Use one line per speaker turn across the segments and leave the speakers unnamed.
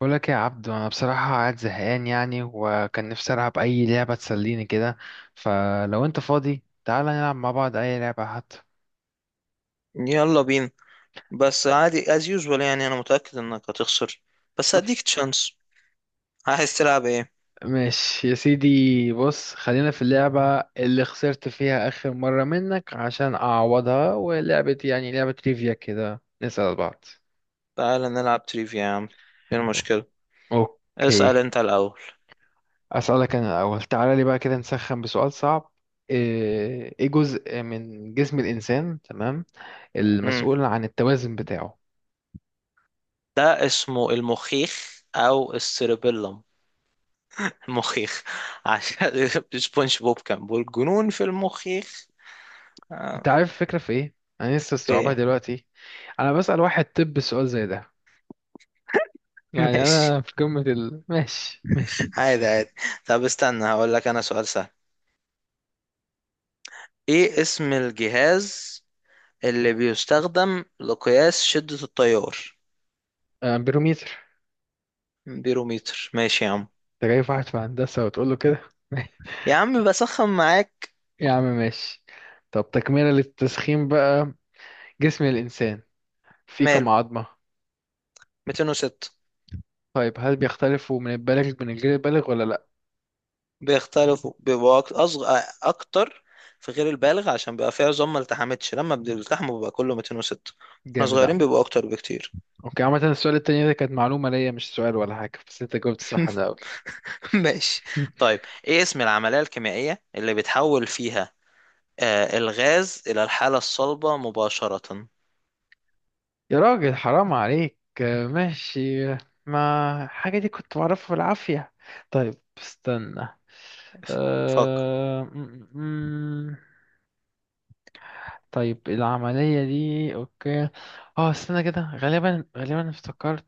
بقول لك يا عبدو، انا بصراحه قاعد زهقان يعني، وكان نفسي العب اي لعبه تسليني كده. فلو انت فاضي، تعالى نلعب مع بعض اي لعبه حتى.
يلا بينا. بس عادي as usual انا متأكد انك هتخسر، بس هديك تشانس. عايز تلعب ايه؟
ماشي يا سيدي، بص خلينا في اللعبه اللي خسرت فيها اخر مره منك عشان اعوضها، ولعبه يعني لعبه تريفيا كده نسال بعض.
تعال نلعب تريفيا يا عم، ايه المشكلة؟
اوكي.
اسأل انت الاول.
اسالك انا الاول، تعالى لي بقى كده نسخن بسؤال صعب. ايه جزء من جسم الانسان، تمام،
امم
المسؤول عن التوازن بتاعه؟
ده اسمه المخيخ او السيربيلم. المخيخ عشان سبونج بوب كان بيقول جنون في المخيخ. آه،
انت عارف الفكرة في ايه؟ انا لسه
في
استوعبها
إيه؟
دلوقتي. انا بسأل واحد طب سؤال زي ده. يعني
ماشي.
انا في قمة ال ماشي ماشي.
عادي عادي. طب استنى هقول لك انا سؤال سهل. ايه اسم الجهاز اللي بيستخدم لقياس شدة التيار؟
امبيرومتر.
بيروميتر ماشي يا عم.
انت جايب واحد في هندسة وتقول له كده؟
يا عم بسخن معاك.
يا عم ماشي. طب تكملة للتسخين بقى، جسم الإنسان فيه كم
ماله،
عظمة؟
206.
طيب هل بيختلفوا من البالغ من الغير البالغ ولا لأ؟
بيختلفوا، بيبقوا أصغر أكتر في غير البالغ، عشان بيبقى فيه عظام ما التحمتش. لما بيلتحموا بيبقى كله 206. احنا
جامد
صغيرين
أوي.
بيبقوا أكتر بكتير.
اوكي، عامة السؤال التاني ده كانت معلومة ليا، مش سؤال ولا حاجة، بس انت جاوبت صح من الأول.
ماشي. طيب إيه اسم العملية الكيميائية اللي بتحول فيها الغاز إلى الحالة الصلبة مباشرة؟
يا راجل حرام عليك، ماشي. ما الحاجة دي كنت بعرفها بالعافية. طيب استنى.
فكر.
أه... م- م- م. طيب العملية دي، اوكي. اه استنى كده، غالبا غالبا افتكرت.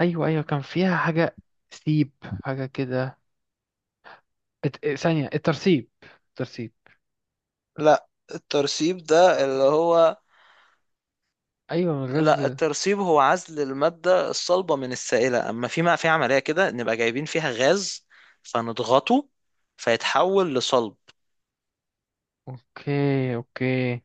ايوه ايوه، كان فيها حاجة، سيب حاجة كده. ثانية الترسيب.
لا، الترسيب ده اللي هو،
ايوه، من
لا
الغزل.
الترسيب هو عزل المادة الصلبة من السائلة، أما في ما في عملية كده نبقى جايبين فيها غاز فنضغطه فيتحول لصلب.
اوكي اوكي،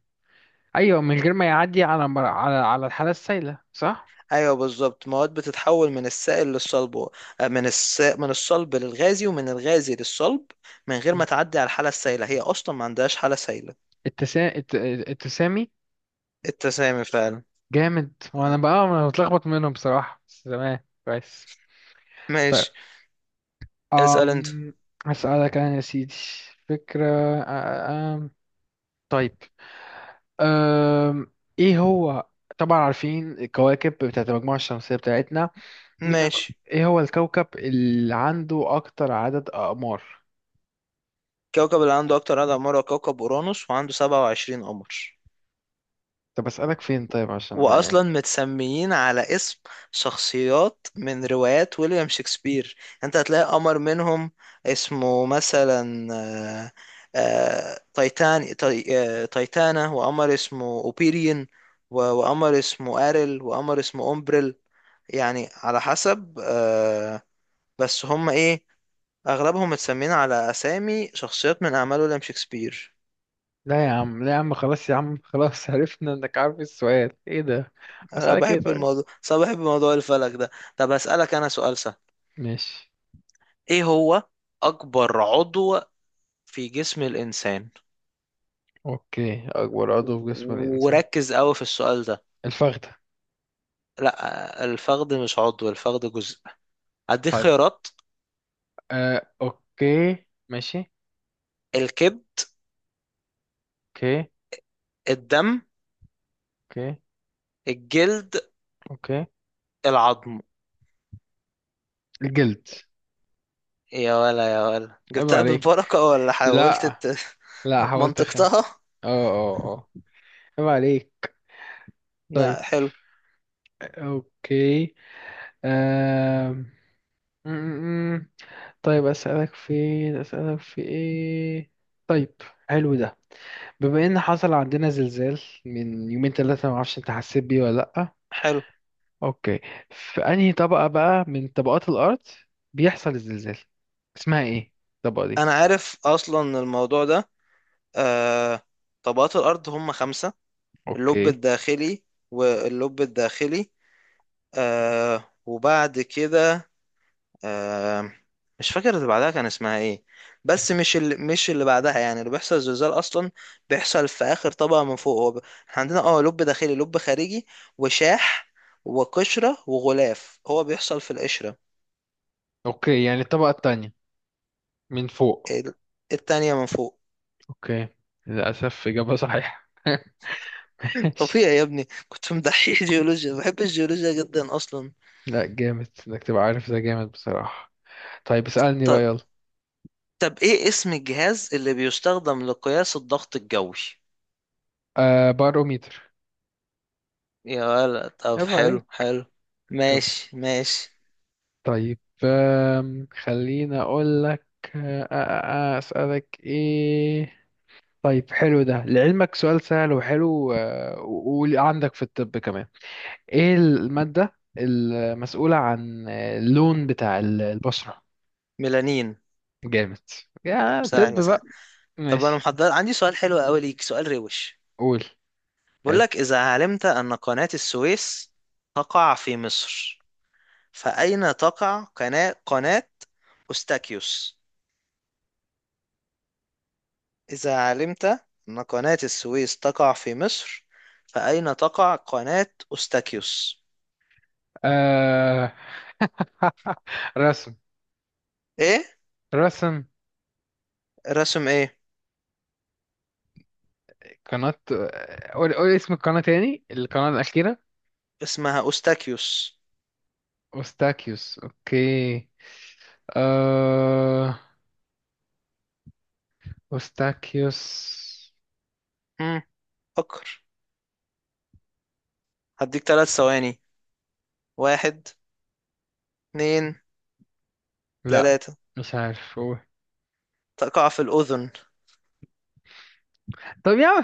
ايوه، من غير ما يعدي على على الحالة السائلة، صح؟
أيوة بالظبط، مواد بتتحول من السائل للصلب من الصلب للغازي ومن الغازي للصلب من غير ما تعدي على الحالة السائلة، هي أصلا ما عندهاش حالة سائلة.
التسا... الت... التسامي.
التسامي فعلا.
جامد. وانا بقى انا متلخبط منهم بصراحة، بس تمام كويس. طيب.
ماشي. اسأل أنت.
أم... هسألك انا يا سيدي. فكرة. أم... طيب. أم... ايه هو. طبعا عارفين الكواكب بتاعت المجموعة الشمسية بتاعتنا. مين؟
ماشي.
ايه هو الكوكب اللي عنده اكتر عدد اقمار؟
كوكب اللي عنده أكتر عدد أقمار هو كوكب أورانوس، وعنده 27 قمر.
طب اسألك فين طيب عشان ما
واصلا
يعني.
متسميين على اسم شخصيات من روايات ويليام شكسبير. انت هتلاقي قمر منهم اسمه مثلا آه، تايتان تاي- تايتانا، وقمر اسمه اوبيريون وقمر اسمه اريل، وقمر اسمه اومبريل. يعني على حسب بس هم ايه، اغلبهم متسمين على اسامي شخصيات من اعمال ويليام شكسبير.
لا يا عم، لا يا عم، خلاص يا عم. خلاص عرفنا انك عارف السؤال ايه ده.
انا
اسألك ايه
بحب
طيب؟
الموضوع، صح، بحب موضوع الفلك ده. طب اسالك انا سؤال.
ماشي.
ايه هو اكبر عضو في جسم الانسان؟
اوكي، اكبر عضو في جسم الانسان.
وركز قوي في السؤال ده.
الفخذة.
لا، الفخذ مش عضو، الفخذ جزء. هديك
طيب.
خيارات.
اوكي ماشي.
الكبد.
اوكي.
الدم.
اوكي.
الجلد.
اوكي.
العظم.
الجلد.
يا ولا يا ولا،
عيب
جبتها
عليك.
بالبركة ولا حاولت
لا، لا حاولت اخم.
منطقتها؟
اه اه اه، عيب عليك. طيب.
لا حلو
اوكي. آم، م- م- م. طيب اسالك في، اسالك في ايه؟ طيب، حلو ده. بما ان حصل عندنا زلزال من يومين ثلاثة، ما اعرفش انت حسيت بيه ولا لا.
حلو.
اوكي. في انهي طبقة بقى من طبقات الارض بيحصل الزلزال؟ اسمها ايه الطبقة دي؟
انا عارف اصلا الموضوع ده. آه... طبقات الارض هم خمسة. اللب
اوكي،
الداخلي، واللب الداخلي وبعد كده آه مش فاكر اللي بعدها كان اسمها ايه. بس مش اللي بعدها، يعني اللي بيحصل زلزال اصلا بيحصل في اخر طبقه من فوق. احنا عندنا اه لب داخلي، لب خارجي، وشاح، وقشره، وغلاف. هو بيحصل في القشره.
اوكي يعني الطبقة التانية من فوق.
ال- التانية من فوق.
اوكي. للاسف اجابة صحيحة. ماشي.
طبيعي يا ابني، كنت مدحيح جيولوجيا، بحب الجيولوجيا جدا اصلا.
لا جامد انك تبقى عارف ده، جامد بصراحة. طيب اسألني بقى
طب
يلا.
طب ايه اسم الجهاز اللي بيستخدم لقياس الضغط الجوي؟
باروميتر.
يا ولد، طب
عيب
حلو
عليك.
حلو.
طب-
ماشي ماشي.
طيب، خليني اقول لك. اسألك ايه. طيب حلو ده، لعلمك سؤال سهل وحلو، وعندك في الطب كمان. ايه المادة المسؤولة عن اللون بتاع ال- البشرة؟
ميلانين.
جامد. يا طب
سهلة.
بقى.
طب انا
ماشي.
محضر عندي سؤال حلو قوي ليك، سؤال روش.
قول.
بقول
حلو.
لك اذا علمت ان قناة السويس تقع في مصر، فاين تقع قناة أوستاكيوس؟ اذا علمت ان قناة السويس تقع في مصر، فاين تقع قناة أوستاكيوس؟
آه... رسم.
ايه
رسم.
رسم؟ ايه؟
قناة، قول قول اسم القناة تاني، القناة الأخيرة.
اسمها أوستاكيوس.
أوستاكيوس أوكي. آه... أوستاكيوس.
امم فكر. هديك ثلاث ثواني. واحد، اتنين،
لا،
تلاتة.
مش عارف، قول.
تقع في الأذن.
طب يا عم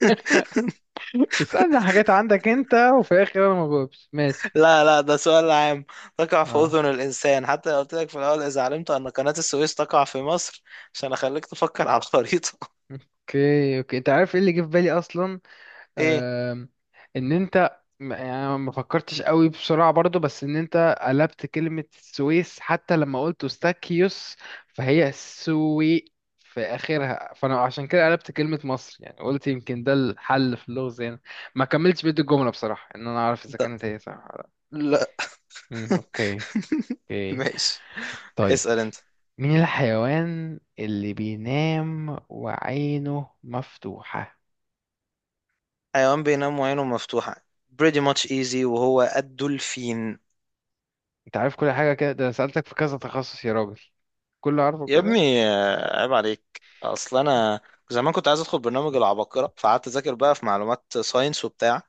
اسألنا حاجات عندك انت، وفي الاخر انا ما بجاوبش، ماشي.
لا لا، ده سؤال عام. تقع في
اه.
أذن الإنسان، حتى لو قلت لك في الأول إذا علمت أن قناة السويس تقع في مصر، عشان أخليك تفكر على الخريطة.
اوكي اوكي، انت عارف ايه اللي جه في بالي اصلا.
إيه؟
آم، ان انت م- يعني ما فكرتش قوي بسرعة برضو، بس ان انت قلبت كلمة السويس حتى لما قلت استاكيوس، فهي سوي في اخرها، فانا عشان كده قلبت كلمة مصر، يعني قلت يمكن ده الحل في اللغز يعني. ما كملتش بيت الجملة بصراحة، ان انا اعرف اذا
أنت؟
كانت هي صح ولا لا.
لا.
مم، اوكي. اوكي.
ماشي.
طيب.
اسأل أنت.
مين الحيوان اللي بينام وعينه مفتوحة؟
حيوان بينام وعينه مفتوحة، pretty much easy، وهو الدولفين.
انت عارف كل حاجة كده، ده أنا سألتك في كذا تخصص يا راجل، كله عارفه
يا
كده.
ابني عيب عليك، أصل أنا زمان كنت عايز أدخل برنامج العباقرة، فقعدت أذاكر بقى في معلومات ساينس وبتاع.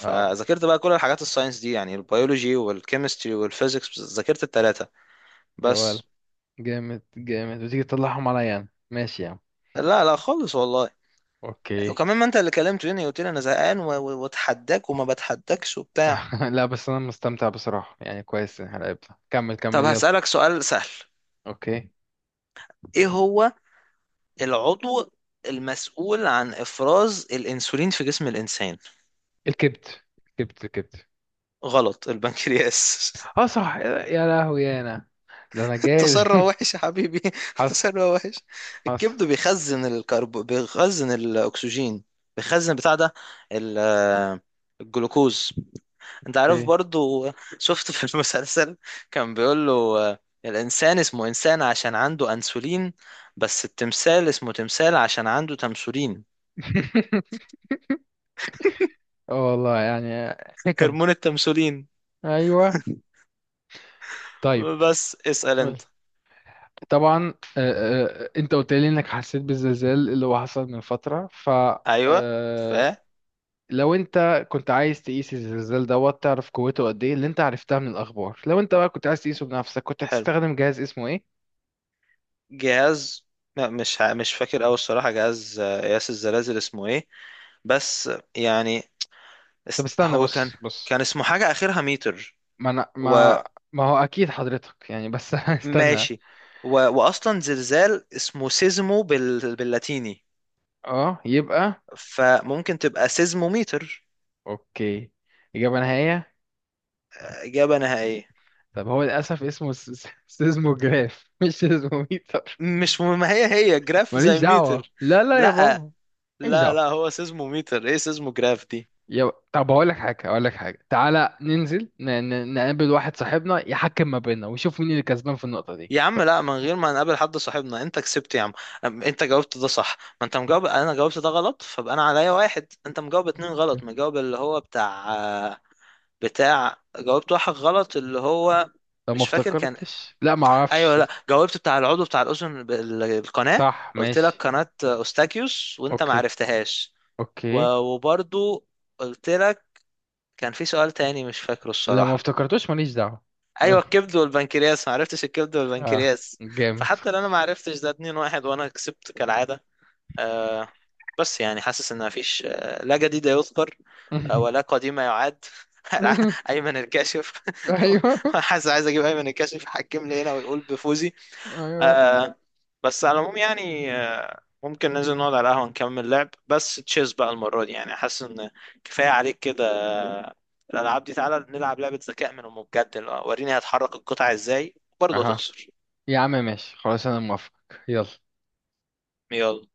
اه.
بقى كل الحاجات الساينس دي، يعني البيولوجي والكيمستري والفيزيكس، ذاكرت التلاتة
يا ولد،
بس.
جامد جامد، وتيجي تطلعهم عليا انا، ماشي يا عم.
لا لا خالص والله.
اوكي.
وكمان ما انت اللي كلمتني قلت لي انا زهقان واتحداك وما بتحداكش وبتاع.
لا بس انا مستمتع بصراحة يعني، كويس إن احنا لعبنا. كمل
طب
كمل يلا.
هسألك سؤال سهل.
اوكي.
ايه هو العضو المسؤول عن افراز الانسولين في جسم الانسان؟
الكبت الكبت الكبت.
غلط، البنكرياس.
اه صح، يا لهوي يا انا، ده انا جاهز.
التسرع وحش يا حبيبي،
حصل
التسرع وحش.
حصل.
الكبد بيخزن بيخزن الاكسجين، بيخزن بتاع ده، ال- الجلوكوز. انت عارف
اوكي.
برضو. شفت في المسلسل كان بيقول له الانسان اسمه انسان عشان عنده انسولين، بس التمثال اسمه تمثال عشان عنده تمثولين.
اه والله يعني، حكم.
هرمون التمثولين.
ايوه. طيب.
بس اسأل
قولي.
انت.
طبعا، انت قلت لي انك حسيت بالزلزال اللي هو حصل من فترة، ف.
ايوه، ف،
آه، لو انت كنت عايز تقيس الزلزال دوت تعرف قوته قد ايه اللي انت عرفتها من الاخبار، لو انت بقى كنت عايز تقيسه بنفسك، كنت
حلو.
هتستخدم جهاز اسمه ايه؟
جهاز، لا مش فاكر اوي الصراحة. جهاز قياس الزلازل اسمه ايه؟ بس يعني
طب استنى،
هو كان،
بص بص.
كان اسمه حاجة اخرها متر
ما أنا ما ما هو اكيد حضرتك يعني، بس استنى.
وماشي. واصلا زلزال اسمه باللاتيني،
اه يبقى.
فممكن تبقى سيزموميتر.
اوكي، اجابة نهائية.
إجابة نهائية.
طب هو للاسف اسمه سيزموجراف، مش سيزموميتر.
مش مهم، ما هي هي جراف
ماليش
زي
دعوة،
ميتر.
لا لا يا
لا
بابا. ماليش
لا، لا
دعوة.
هو سيزموميتر، ايه سيزموجراف دي.
طب هقول لك حاجة، هقول لك حاجة، تعالى ننزل نقابل واحد صاحبنا يحكم ما بيننا ويشوف مين اللي كسبان في النقطة دي.
يا عم لا، من غير ما نقابل حد صاحبنا انت كسبت يا عم. انت جاوبت ده صح، ما انت مجاوب. انا جاوبت ده غلط، فبقى انا عليا واحد، انت مجاوب اتنين غلط. مجاوب اللي هو بتاع، جاوبت واحد غلط اللي هو،
لو ما
مش فاكر كان.
افتكرتش، لا ما
ايوه
اعرفش.
لا، جاوبت بتاع العضو بتاع الاذن القناة.
صح
قلت لك
ماشي.
قناة أوستاكيوس وانت ما
اوكي
عرفتهاش.
اوكي.
وبرضو قلت لك كان في سؤال تاني مش فاكره
لو ما
الصراحة.
افتكرتوش ماليش دعوة.
ايوه الكبد والبنكرياس، ما عرفتش الكبد
اه.
والبنكرياس.
جامد.
فحتى لو انا ما عرفتش ده 2 واحد، وانا كسبت كالعادة. آه بس يعني حاسس ان مفيش آه لا جديد يذكر آه ولا قديم يعاد. ايمن الكاشف.
ايوه
حاسس عايز اجيب ايمن الكاشف يحكمني هنا ويقول بفوزي.
ايوه.
آه. بس على العموم يعني آه ممكن ننزل نقعد على القهوة نكمل لعب، بس تشيز بقى المرة دي. يعني حاسس ان كفاية عليك كده. الألعاب دي تعالى نلعب لعبة ذكاء من أم بجد، اللي هو وريني هتحرك القطع ازاي. برضه
اها.
هتخسر.
يا عم ماشي، خلاص انا موافق. يلا.
يلا.